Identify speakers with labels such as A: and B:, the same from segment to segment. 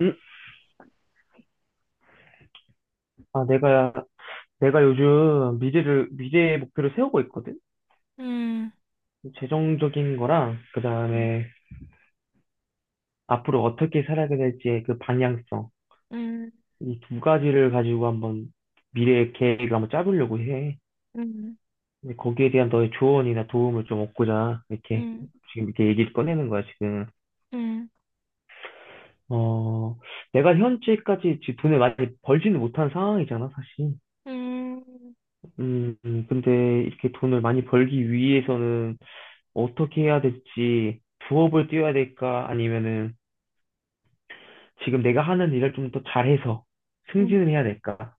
A: 음, 아, 내가 요즘 미래의 목표를 세우고 있거든?
B: 음,
A: 재정적인 거랑, 그 다음에 앞으로 어떻게 살아가야 될지의 그 방향성.
B: 음,
A: 이 두 가지를 가지고 한번 미래의 계획을 한번 짜보려고 해.
B: 음,
A: 근데 거기에 대한 너의 조언이나 도움을 좀 얻고자, 이렇게,
B: 음,
A: 지금 이렇게 얘기를 꺼내는 거야, 지금.
B: 음,
A: 어, 내가 현재까지 지금 돈을 많이 벌지는 못한 상황이잖아, 사실.
B: 음,
A: 근데 이렇게 돈을 많이 벌기 위해서는 어떻게 해야 될지 부업을 뛰어야 될까, 아니면은 지금 내가 하는 일을 좀 더 잘해서
B: 음,
A: 승진을 해야 될까,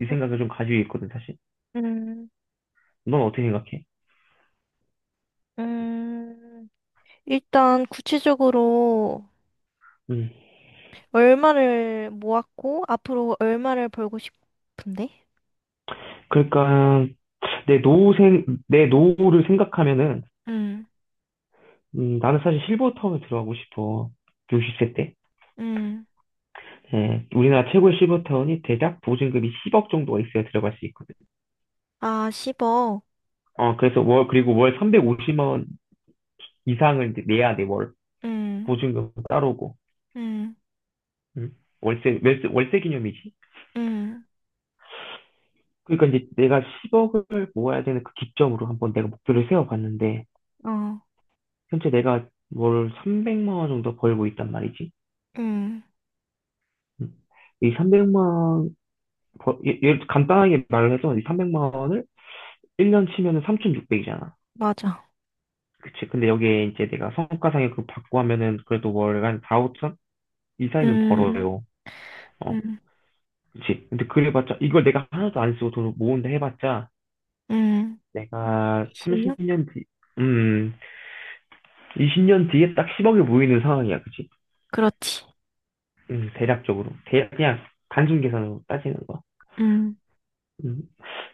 A: 이 생각을 좀 가지고 있거든, 사실.
B: 음,
A: 넌 어떻게 생각해?
B: 음. 일단 구체적으로
A: 음
B: 얼마를 모았고 앞으로 얼마를 벌고 싶은데?
A: 그러니까 내 노후를 생각하면은,
B: 음,
A: 나는 사실 실버타운에 들어가고 싶어. 60세 때,
B: 음.
A: 예, 우리나라 최고의 실버타운이 대략 보증금이 10억 정도가 있어야 들어갈 수 있거든.
B: 아, 10억.
A: 어 그래서 월 350만 원 이상을 이제 내야 돼월,
B: 음,
A: 보증금 따로고.
B: 음,
A: 음. 월세 기념이지?
B: 음,
A: 그러니까 이제 내가 10억을 모아야 되는, 그 기점으로 한번 내가 목표를 세워봤는데,
B: 어,
A: 현재 내가 월 300만 원 정도 벌고 있단 말이지.
B: 음,
A: 음. 이 300만 원, 예를 들어 간단하게 말을 해서 이 300만 원을 1년 치면은 3,600이잖아.
B: 맞아.
A: 그치. 근데 여기에 이제 내가 성과상여금 받고 하면은 그래도 월간 4, 5천 이상은
B: 음,
A: 벌어요. 어,
B: 음,
A: 그치. 근데 그래봤자, 이걸 내가 하나도 안 쓰고 돈을 모은다 해봤자,
B: 음.
A: 내가
B: 20년?
A: 30년 뒤, 음, 20년 뒤에 딱 10억이 모이는 상황이야, 그치?
B: 그렇지.
A: 대략적으로. 대략, 그냥 단순 계산으로 따지는 거야.
B: 음,
A: 음.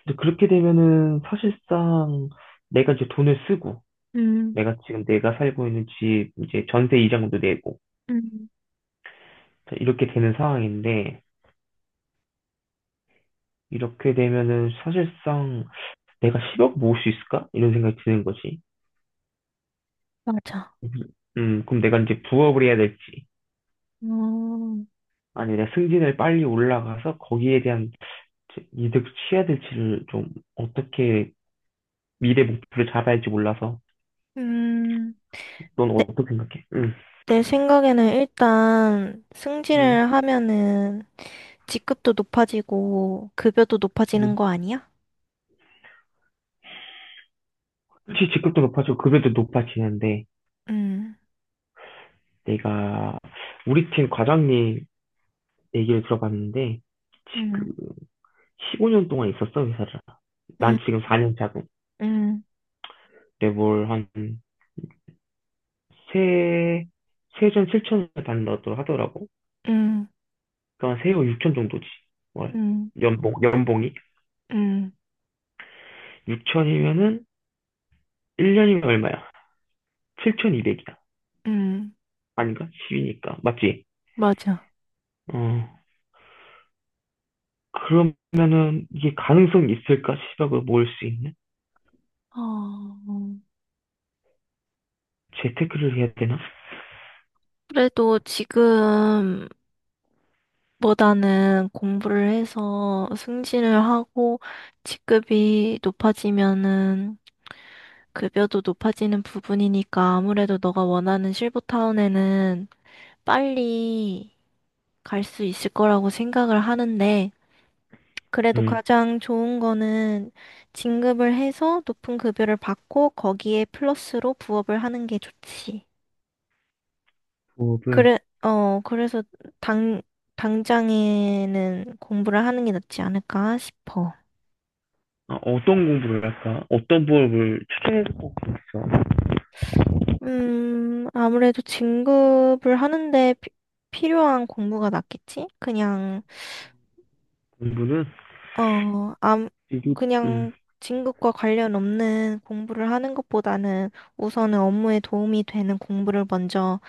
A: 근데 그렇게 되면은 사실상 내가 이제 돈을 쓰고,
B: 음,
A: 내가 살고 있는 집, 이제 전세 이자금도 내고,
B: 음,
A: 자, 이렇게 되는 상황인데, 이렇게 되면은 사실상 내가 10억 모을 수 있을까, 이런 생각이 드는 거지.
B: 맞아.
A: 그럼 내가 이제 부업을 해야 될지,
B: 어.
A: 아니면 내가 승진을 빨리 올라가서 거기에 대한 이득 취해야 될지를, 좀 어떻게 미래 목표를 잡아야 할지 몰라서.
B: 음,
A: 넌
B: 내,
A: 어떻게 생각해? 응.
B: 내 생각에는 일단 승진을
A: 응.
B: 하면은 직급도 높아지고 급여도 높아지는 거
A: 응
B: 아니야?
A: 그직히 직급도 높아지고 급여도 높아지는데,
B: 음,
A: 내가 우리 팀 과장님 얘기를 들어봤는데, 지금
B: 음,
A: 15년 동안 있었어 회사를.
B: 음,
A: 난 지금 4년 차고,
B: 음,
A: 내뭘 한 세, 세전 7천을 받는다고 하더라고.
B: 음,
A: 그러니까 세후 6천 정도지, 월.
B: 음,
A: 연봉이
B: 음,
A: 6천이면은 1년이면 얼마야? 7,200이야.
B: 음,
A: 아닌가? 10이니까 맞지?
B: 맞아.
A: 어 그러면은 이게 가능성이 있을까? 시각을 모을 수 있는?
B: 어,
A: 재테크를 해야 되나?
B: 그래도 지금보다는 공부를 해서 승진을 하고 직급이 높아지면은 급여도 높아지는 부분이니까 아무래도 너가 원하는 실버타운에는 빨리 갈 수 있을 거라고 생각을 하는데, 그래도
A: 음,
B: 가장 좋은 거는 진급을 해서 높은 급여를 받고 거기에 플러스로 부업을 하는 게 좋지.
A: 부업을.
B: 그래, 그래서 당, 당장에는 공부를 하는 게 낫지 않을까 싶어.
A: 아, 어떤 공부를 할까? 어떤 부업을 추천해 줄 것 같아.
B: 아무래도 진급을 하는데 필요한 공부가 낫겠지?
A: 공부는
B: 어, 암,
A: 미리. 음,
B: 그냥 진급과 관련 없는 공부를 하는 것보다는 우선은 업무에 도움이 되는 공부를 먼저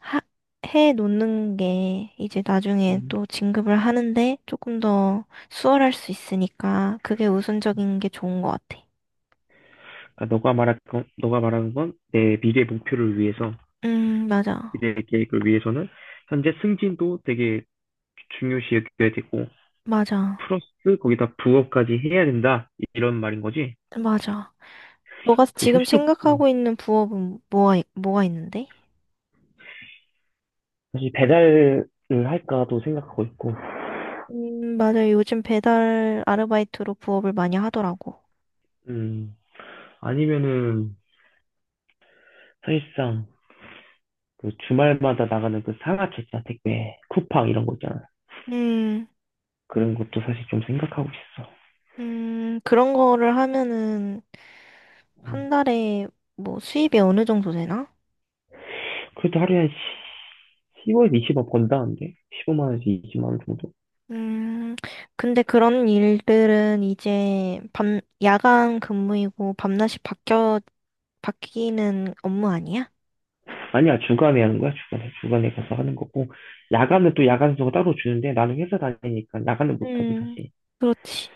B: 하, 해 놓는 게 이제 나중에
A: 음.
B: 또 진급을 하는데 조금 더 수월할 수 있으니까 그게 우선적인 게 좋은 것 같아.
A: 아, 너가 말하는 건 내 미래 목표를 위해서,
B: 맞아.
A: 미래 계획을 위해서는 현재 승진도 되게 중요시 여겨야 되고,
B: 맞아.
A: 플러스 거기다 부업까지 해야 된다 이런 말인 거지.
B: 맞아. 너가
A: 근데
B: 지금
A: 현실적으로,
B: 생각하고 있는 부업은 뭐가 있는데?
A: 사실 배달을 할까도 생각하고 있고,
B: 맞아. 요즘 배달 아르바이트로 부업을 많이 하더라고.
A: 음, 아니면은 사실상 그 주말마다 나가는 그 상하차 택배 쿠팡 이런 거 있잖아.
B: 음.
A: 그런 것도 사실 좀 생각하고 있어.
B: 그런 거를 하면은
A: 음,
B: 한 달에 뭐 수입이 어느 정도 되나?
A: 그래도 하루에 한 1에서 20억 번다는데, 15만 원에서 20만 원 정도?
B: 음, 근데 그런 일들은 이제 야간 근무이고 바뀌는 업무 아니야?
A: 아니야. 주간에 하는 거야. 주간에 가서 하는 거고, 야간은 또 야간수가 따로 주는데, 나는 회사 다니니까 야간은 못 하지,
B: 음,
A: 사실.
B: 그렇지.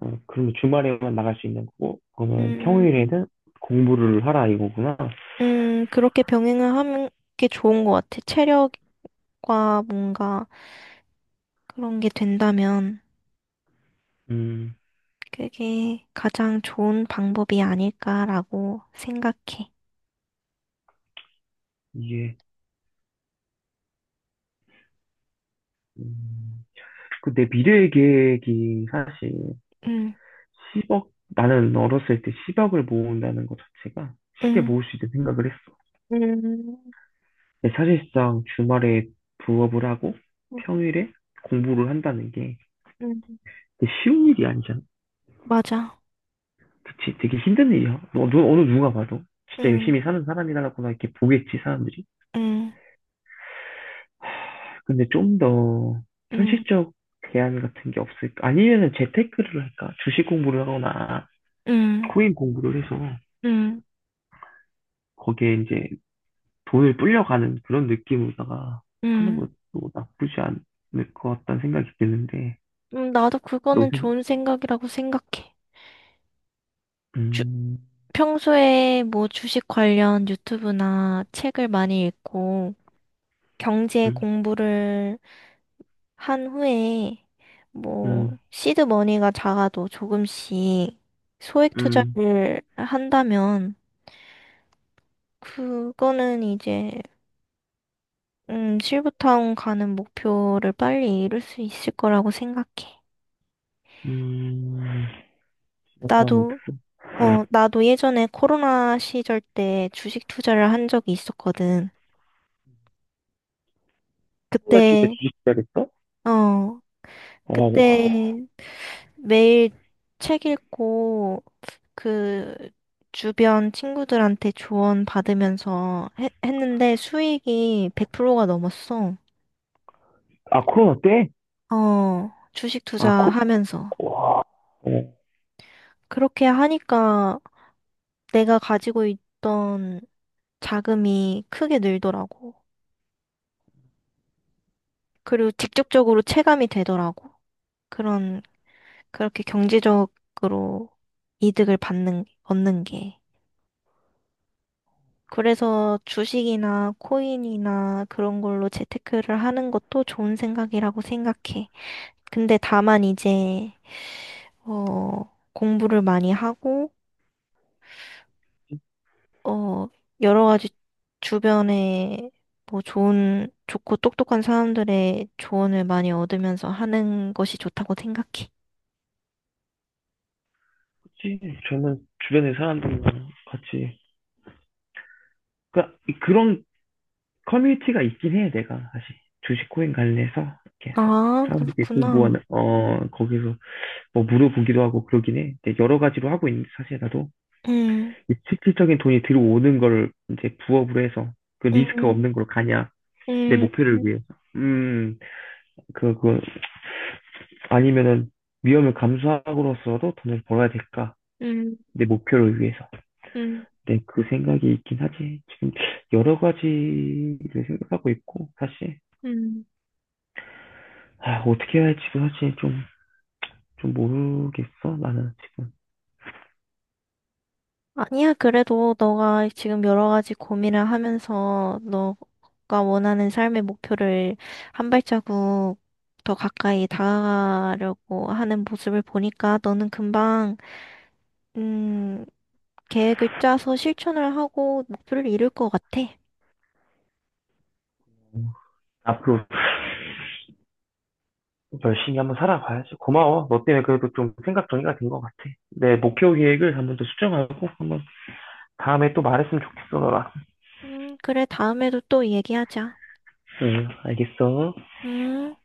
A: 어, 그러면 주말에만 나갈 수 있는 거고, 그러면
B: 음,
A: 평일에는 공부를 하라 이거구나.
B: 그렇게 병행을 하는 게 좋은 것 같아. 체력과 뭔가 그런 게 된다면
A: 음
B: 그게 가장 좋은 방법이 아닐까라고 생각해.
A: 이게, 음, 그 내 미래 계획이 사실
B: 응,
A: 10억, 나는 어렸을 때 10억을 모은다는 것 자체가 쉽게
B: 응,
A: 모을 수 있는 생각을 했어.
B: 음,
A: 근데 사실상 주말에 부업을 하고
B: 음,
A: 평일에 공부를 한다는 게
B: 음,
A: 되게 쉬운 일이 아니잖아.
B: 맞아.
A: 그치? 되게 힘든 일이야. 어느 누가 봐도. 진짜 열심히
B: 응,
A: 사는 사람이라구나 이렇게 보겠지, 사람들이.
B: 응,
A: 근데 좀 더
B: 응,
A: 현실적 대안 같은 게 없을까? 아니면은 재테크를 할까? 주식 공부를 하거나
B: 응,
A: 코인 공부를 해서
B: 응,
A: 거기에 이제 돈을 불려가는 그런 느낌으로다가 하는
B: 응.
A: 것도 나쁘지 않을 것 같다는 생각이 드는데,
B: 나도
A: 너
B: 그거는
A: 생각,
B: 좋은 생각이라고 생각해. 주,
A: 음,
B: 평소에 뭐 주식 관련 유튜브나 책을 많이 읽고 경제
A: 음,
B: 공부를 한 후에 뭐
A: 음,
B: 시드 머니가 작아도 조금씩 소액
A: 음,
B: 투자를 한다면 그거는 이제 실버타운 가는 목표를 빨리 이룰 수 있을 거라고 생각해.
A: 음, 그렇다, 뭐,
B: 나도,
A: 들어. 음.
B: 나도 예전에 코로나 시절 때 주식 투자를 한 적이 있었거든.
A: 코로나 시대 때
B: 그때,
A: 주식 해야겠어?
B: 어,
A: 어,
B: 그때 매일 책 읽고 그 주변 친구들한테 조언 받으면서 했는데 수익이 100%가 넘었어.
A: 아, 코로나 때?
B: 어, 주식
A: 아,
B: 투자하면서.
A: 와, 어,
B: 그렇게 하니까 내가 가지고 있던 자금이 크게 늘더라고. 그리고 직접적으로 체감이 되더라고. 그런, 그렇게 경제적으로 이득을 얻는 게. 그래서 주식이나 코인이나 그런 걸로 재테크를 하는 것도 좋은 생각이라고 생각해. 근데 다만 이제, 공부를 많이 하고, 어, 여러 가지 주변에 뭐 좋고 똑똑한 사람들의 조언을 많이 얻으면서 하는 것이 좋다고 생각해.
A: 그치. 저는 주변의 사람들과 같이, 그니까, 그런 커뮤니티가 있긴 해, 내가, 사실. 주식 코인 관련해서, 이렇게 해서.
B: 아,
A: 사람들이 공부하는,
B: 그렇구나.
A: 어, 거기서 뭐 물어보기도 하고 그러긴 해. 근데 여러 가지로 하고 있는데 사실 나도
B: 음,
A: 이 실질적인 돈이 들어오는 걸 이제 부업으로 해서 그 리스크
B: 음,
A: 없는 걸로 가냐. 내
B: 음,
A: 목표를 위해서. 음, 그, 그, 아니면은 위험을 감수하고로서도 돈을 벌어야 될까?
B: 음,
A: 내 목표를 위해서.
B: 음,
A: 네, 그 생각이 있긴 하지. 지금 여러 가지를 생각하고 있고, 사실.
B: 음.
A: 아, 어떻게 해야 할지도 사실 좀, 모르겠어, 나는 지금.
B: 아니야, 그래도 너가 지금 여러 가지 고민을 하면서 너가 원하는 삶의 목표를 한 발자국 더 가까이 다가가려고 하는 모습을 보니까 너는 금방, 음, 계획을 짜서 실천을 하고 목표를 이룰 것 같아.
A: 어, 앞으로 열심히 한번 살아봐야지. 고마워. 너 때문에 그래도 좀 생각 정리가 된 것 같아. 내 목표 계획을 한번 더 수정하고, 한번 다음에 또 말했으면 좋겠어, 너랑.
B: 그래, 다음에도 또 얘기하자.
A: 응, 알겠어.
B: 음.